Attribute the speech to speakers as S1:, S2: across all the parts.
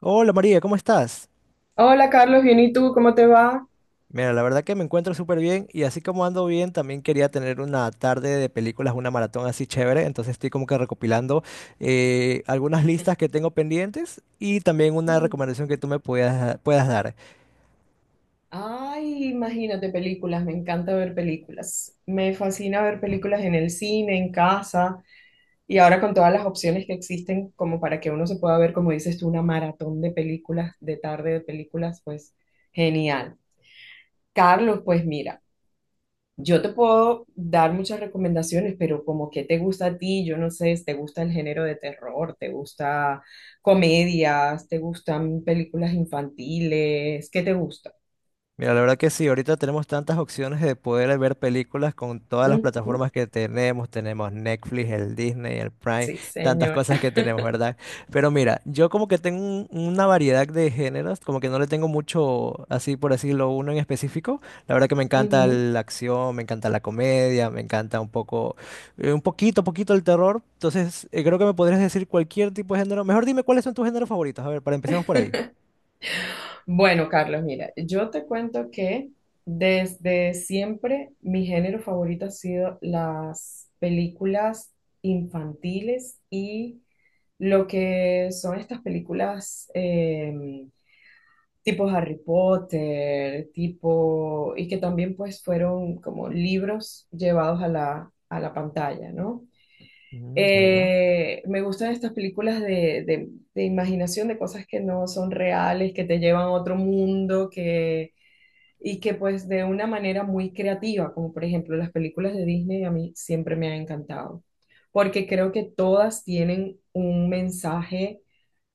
S1: Hola María, ¿cómo estás?
S2: Hola Carlos, bien, ¿y tú? ¿Cómo te va?
S1: Mira, la verdad que me encuentro súper bien y así como ando bien, también quería tener una tarde de películas, una maratón así chévere, entonces estoy como que recopilando algunas listas que tengo pendientes y también una
S2: Ujú.
S1: recomendación que tú me puedas dar.
S2: Ay, imagínate películas, me encanta ver películas. Me fascina ver películas en el cine, en casa y ahora con todas las opciones que existen como para que uno se pueda ver, como dices tú, una maratón de películas, de tarde de películas, pues genial. Carlos, pues mira. Yo te puedo dar muchas recomendaciones, pero como que te gusta a ti, yo no sé, te gusta el género de terror, te gusta comedias, te gustan películas infantiles, ¿qué te gusta?
S1: Mira, la verdad que sí, ahorita tenemos tantas opciones de poder ver películas con todas las
S2: Ujú.
S1: plataformas que tenemos. Tenemos Netflix, el Disney, el Prime,
S2: Sí,
S1: tantas
S2: señor.
S1: cosas que tenemos, ¿verdad? Pero mira, yo como que tengo una variedad de géneros, como que no le tengo mucho, así por decirlo, uno en específico. La verdad que me encanta
S2: Ujú.
S1: la acción, me encanta la comedia, me encanta un poco, un poquito el terror. Entonces, creo que me podrías decir cualquier tipo de género. Mejor dime cuáles son tus géneros favoritos. A ver, para empezamos por ahí.
S2: Bueno, Carlos, mira, yo te cuento que desde siempre mi género favorito ha sido las películas infantiles y lo que son estas películas, tipo Harry Potter, tipo, y que también pues fueron como libros llevados a la pantalla, ¿no?
S1: Mm, ya.
S2: Me gustan estas películas de imaginación, de cosas que no son reales, que te llevan a otro mundo, que, y que pues de una manera muy creativa, como por ejemplo las películas de Disney a mí siempre me han encantado, porque creo que todas tienen un mensaje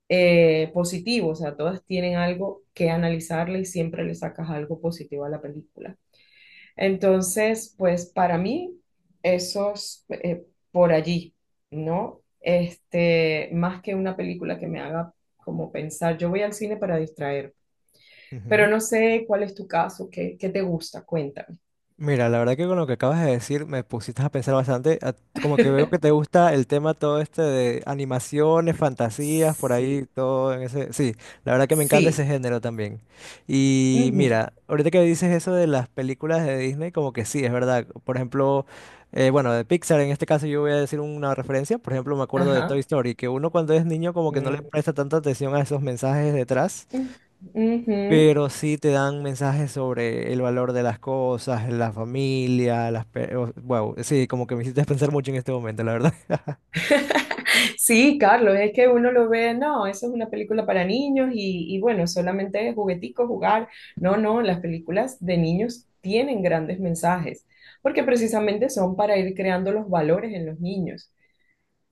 S2: positivo, o sea, todas tienen algo que analizarle y siempre le sacas algo positivo a la película. Entonces, pues para mí, esos por allí, ¿no? Más que una película que me haga como pensar, yo voy al cine para distraer, pero no sé cuál es tu caso, qué, qué te gusta, cuéntame.
S1: Mira, la verdad que con lo que acabas de decir me pusiste a pensar bastante, como que veo que te gusta el tema todo este de animaciones, fantasías, por ahí,
S2: Sí,
S1: todo en ese... Sí, la verdad que me encanta ese
S2: sí,
S1: género también. Y
S2: ujú,
S1: mira, ahorita que dices eso de las películas de Disney, como que sí, es verdad. Por ejemplo, bueno, de Pixar en este caso yo voy a decir una referencia, por ejemplo, me acuerdo de Toy
S2: ajá,
S1: Story, que uno cuando es niño como que no le
S2: mm,
S1: presta tanta atención a esos mensajes detrás.
S2: mm, ujú.
S1: Pero sí te dan mensajes sobre el valor de las cosas, la familia, wow, sí, como que me hiciste pensar mucho en este momento, la verdad.
S2: Sí, Carlos, es que uno lo ve, no, eso es una película para niños y bueno, solamente es juguetico, jugar. No, no, las películas de niños tienen grandes mensajes, porque precisamente son para ir creando los valores en los niños.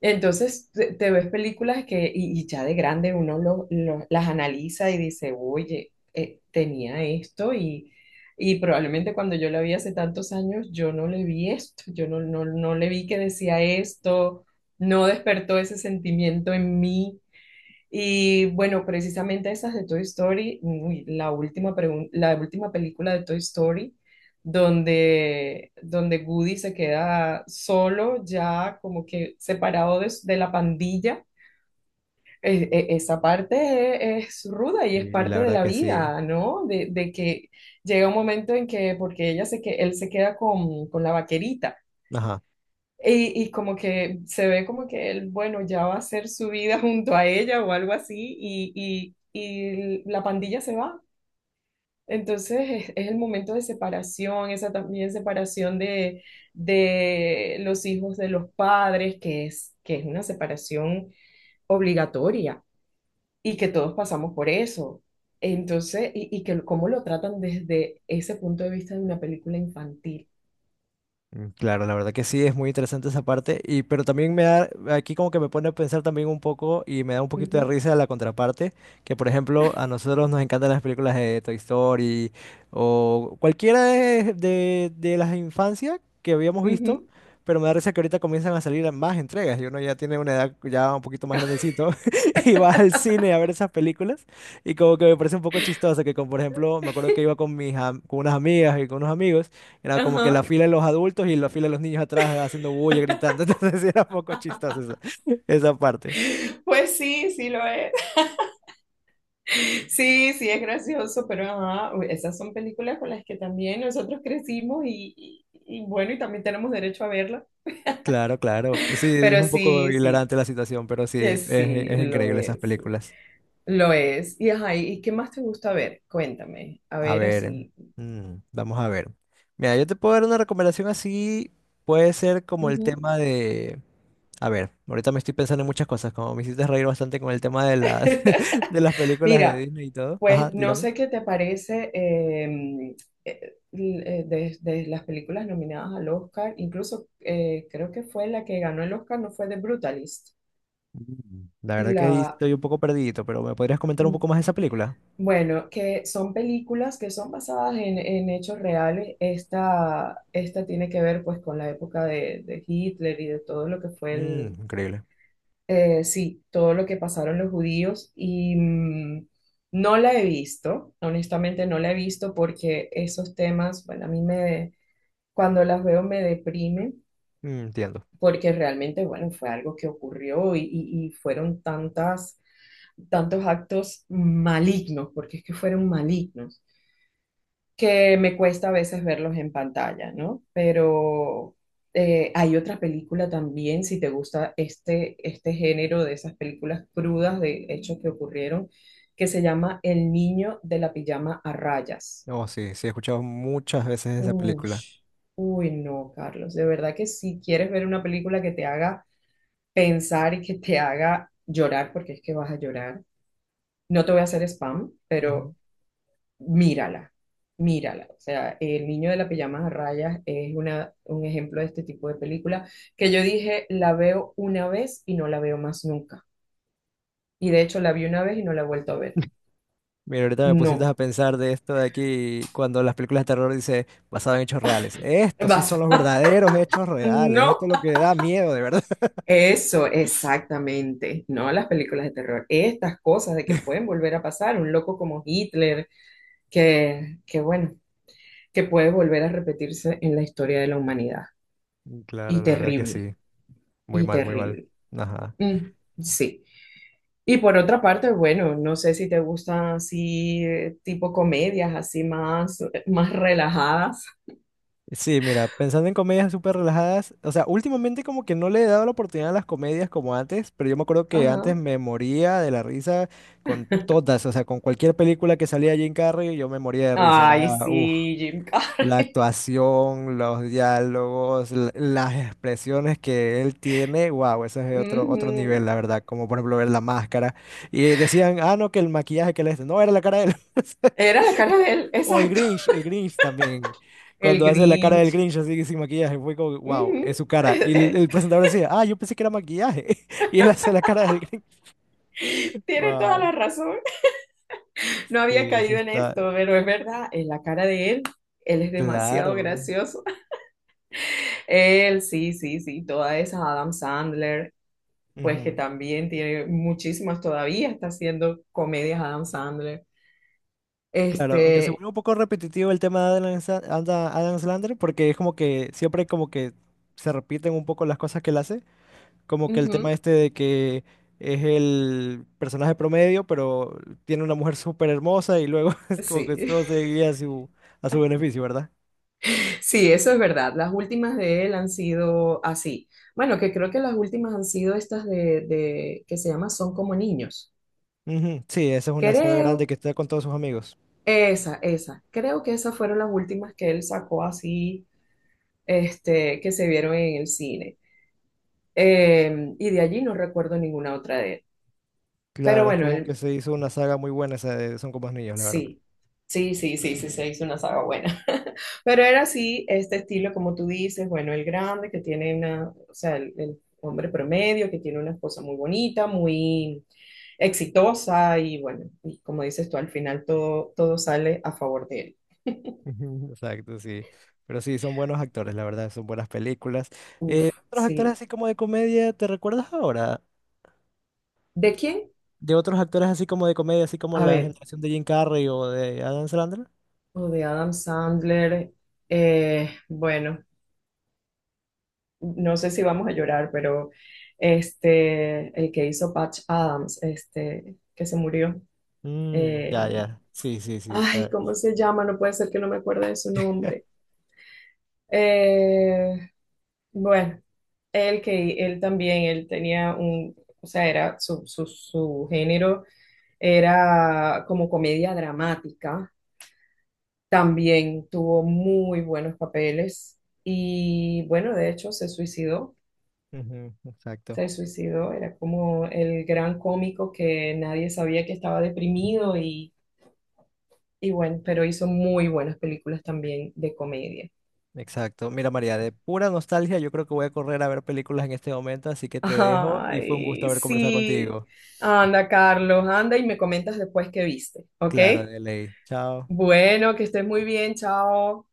S2: Entonces te ves películas que, y ya de grande uno las analiza y dice, oye, tenía esto y probablemente cuando yo la vi hace tantos años, yo no le vi esto, yo no le vi que decía esto, no despertó ese sentimiento en mí. Y bueno, precisamente estas de Toy Story, uy, la última película de Toy Story, donde Woody se queda solo, ya como que separado de la pandilla. Esa parte es ruda y es
S1: Sí, la
S2: parte de
S1: verdad
S2: la
S1: que sí.
S2: vida, ¿no? De que llega un momento en que, porque ella se que él se queda con la vaquerita.
S1: Ajá.
S2: Y como que se ve como que él, bueno, ya va a hacer su vida junto a ella o algo así, y la pandilla se va. Entonces es el momento de separación, esa también separación de los hijos de los padres, que es una separación obligatoria y que todos pasamos por eso. Entonces, y que cómo lo tratan desde ese punto de vista de una película infantil.
S1: Mm, claro, la verdad que sí, es muy interesante esa parte, y, pero también me da, aquí como que me pone a pensar también un poco y me da un poquito de
S2: Ujú,
S1: risa la contraparte, que por ejemplo a nosotros nos encantan las películas de Toy Story o cualquiera de las infancias que habíamos visto,
S2: ujú,
S1: pero me da risa que ahorita comienzan a salir más entregas y uno ya tiene una edad ya un poquito más grandecito y va al cine a ver esas películas y como que me parece un poco chistoso que como por ejemplo me acuerdo que iba con unas amigas y con unos amigos. Era como que la
S2: ajá.
S1: fila de los adultos y la fila de los niños atrás haciendo bulla, gritando. Entonces sí era un poco chistoso esa parte.
S2: Pues sí, sí lo es. Sí, sí, es gracioso, pero ajá, esas son películas con las que también nosotros crecimos y bueno, y también tenemos derecho a verlas.
S1: Claro, claro. Pues sí, es
S2: Pero
S1: un poco
S2: sí, sí,
S1: hilarante la situación, pero sí,
S2: sí,
S1: es
S2: lo
S1: increíble esas
S2: es,
S1: películas.
S2: lo es. Y ajá, ¿y qué más te gusta ver? Cuéntame, a
S1: A
S2: ver
S1: ver,
S2: así.
S1: mm, vamos a ver. Mira, yo te puedo dar una recomendación así. Puede ser como el
S2: Ujú.
S1: tema de... A ver, ahorita me estoy pensando en muchas cosas, como me hiciste reír bastante con el tema de las, de las películas de
S2: Mira,
S1: Disney y todo. Ajá,
S2: pues no
S1: dígame.
S2: sé qué te parece de las películas nominadas al Oscar, incluso creo que fue la que ganó el Oscar, no fue The Brutalist.
S1: Mm, la verdad que ahí
S2: La,
S1: estoy un poco perdido, pero ¿me podrías comentar un
S2: mm,
S1: poco más de esa película?
S2: Bueno, que son películas que son basadas en hechos reales. Esta tiene que ver pues con la época de Hitler y de todo lo que fue
S1: Mm, increíble.
S2: sí, todo lo que pasaron los judíos. No la he visto, honestamente no la he visto porque esos temas, bueno, cuando las veo me deprime
S1: Mm, entiendo.
S2: porque realmente, bueno, fue algo que ocurrió y, y fueron tantos actos malignos, porque es que fueron malignos que me cuesta a veces verlos en pantalla, ¿no? Pero hay otra película también, si te gusta este género de esas películas crudas de hechos que ocurrieron, que se llama El niño de la pijama a rayas.
S1: Oh, sí, sí, he escuchado muchas veces esa película.
S2: Ush, uy, no, Carlos, de verdad que si quieres ver una película que te haga pensar y que te haga llorar, porque es que vas a llorar, no te voy a hacer spam,
S1: Ujú.
S2: pero mírala, mírala. O sea, El niño de la pijama a rayas es una, un ejemplo de este tipo de película que yo dije, la veo una vez y no la veo más nunca. Y de hecho la vi una vez y no la he vuelto a ver.
S1: Mira, ahorita me pusiste
S2: No,
S1: a pensar de esto de aquí, cuando las películas de terror dice basado en hechos reales. Estos sí
S2: vas,
S1: son los verdaderos hechos reales.
S2: no.
S1: Esto es lo que da miedo, de verdad.
S2: Eso, exactamente. No las películas de terror. Estas cosas de que pueden volver a pasar. Un loco como Hitler, que bueno, que puede volver a repetirse en la historia de la humanidad.
S1: Mm, claro,
S2: Y
S1: la verdad que
S2: terrible,
S1: sí. Muy
S2: y
S1: mal, muy mal.
S2: terrible.
S1: Ajá.
S2: Mm, sí. Y por otra parte, bueno, no sé si te gustan así tipo comedias, así más, más relajadas.
S1: Sí, mira, pensando en comedias súper relajadas, o sea, últimamente como que no le he dado la oportunidad a las comedias como antes, pero yo me acuerdo que antes
S2: Ajá.
S1: me moría de la risa con todas, o sea, con cualquier película que salía Jim Carrey, yo me moría de risa,
S2: Ay,
S1: era, uff,
S2: sí, Jim
S1: la
S2: Carrey.
S1: actuación, los diálogos, las expresiones que él tiene, wow, ese es otro nivel,
S2: Ujú.
S1: la verdad, como por ejemplo ver la máscara, y decían, ah, no, que el maquillaje que le... hace, no, era la cara de él.
S2: Era la cara de él,
S1: O
S2: exacto.
S1: El Grinch también.
S2: El
S1: Cuando hace la cara del
S2: Grinch.
S1: Grinch así sin maquillaje, fue como, wow, es
S2: Ujú.
S1: su cara. Y el presentador decía, ah, yo pensé que era maquillaje. Y él hace la cara del Grinch.
S2: Tiene toda
S1: Wow.
S2: la razón. No había
S1: Sí, eso
S2: caído en
S1: está
S2: esto, pero es verdad, en la cara de él, él es demasiado
S1: claro.
S2: gracioso. Él, sí, sí, sí, toda esa Adam Sandler. Pues que
S1: Ujú,
S2: también tiene muchísimas todavía, está haciendo comedias Adam Sandler.
S1: claro, aunque se
S2: Este,
S1: vuelve un poco repetitivo el tema de Adam Sandler, porque es como que siempre como que se repiten un poco las cosas que él hace, como que el tema
S2: ujú,
S1: este de que es el personaje promedio, pero tiene una mujer súper hermosa y luego es como que
S2: sí,
S1: todo se guía a a su beneficio, ¿verdad?
S2: sí, eso es verdad. Las últimas de él han sido así. Bueno, que creo que las últimas han sido estas que se llama Son como niños.
S1: Ujú, sí, esa es una saga grande
S2: Creo,
S1: que está con todos sus amigos.
S2: creo que esas fueron las últimas que él sacó así, este, que se vieron en el cine. Y de allí no recuerdo ninguna otra de él. Pero
S1: Claro, es
S2: bueno,
S1: como que se hizo una saga muy buena esa de Son como niños, la verdad.
S2: sí, sí, sí, sí, sí, se hizo una saga buena. Pero era así, este estilo, como tú dices, bueno, el grande que tiene o sea, el hombre promedio que tiene una esposa muy bonita, muy exitosa y bueno, y como dices tú, al final todo, todo sale a favor de él.
S1: Ujú, exacto, sí. Pero sí, son buenos actores, la verdad, son buenas películas.
S2: Uf,
S1: Otros actores
S2: sí.
S1: así como de comedia, ¿te recuerdas ahora?
S2: ¿De quién?
S1: De otros actores así como de comedia, así como
S2: A
S1: la
S2: ver,
S1: generación de Jim Carrey o de Adam Sandler.
S2: o de Adam Sandler. Bueno, no sé si vamos a llorar, pero el que hizo Patch Adams, que se murió.
S1: Mm,
S2: eh,
S1: ya, ya. Sí, sí, sí.
S2: Ay,
S1: te-
S2: ¿cómo se llama? No puede ser que no me acuerde de su nombre. Eh, bueno, él que él también, él tenía o sea, era su género era como comedia dramática. También tuvo muy buenos papeles y bueno, de hecho se suicidó.
S1: Ujú, exacto,
S2: Se suicidó, era como el gran cómico que nadie sabía que estaba deprimido y bueno, pero hizo muy buenas películas también de comedia.
S1: exacto. Mira, María, de pura nostalgia, yo creo que voy a correr a ver películas en este momento, así que te dejo y fue un gusto
S2: Ay,
S1: haber conversado
S2: sí.
S1: contigo.
S2: Anda, Carlos, anda y me comentas después qué viste, ¿ok?
S1: Claro, de ley. Chao.
S2: Bueno, que estés muy bien, chao.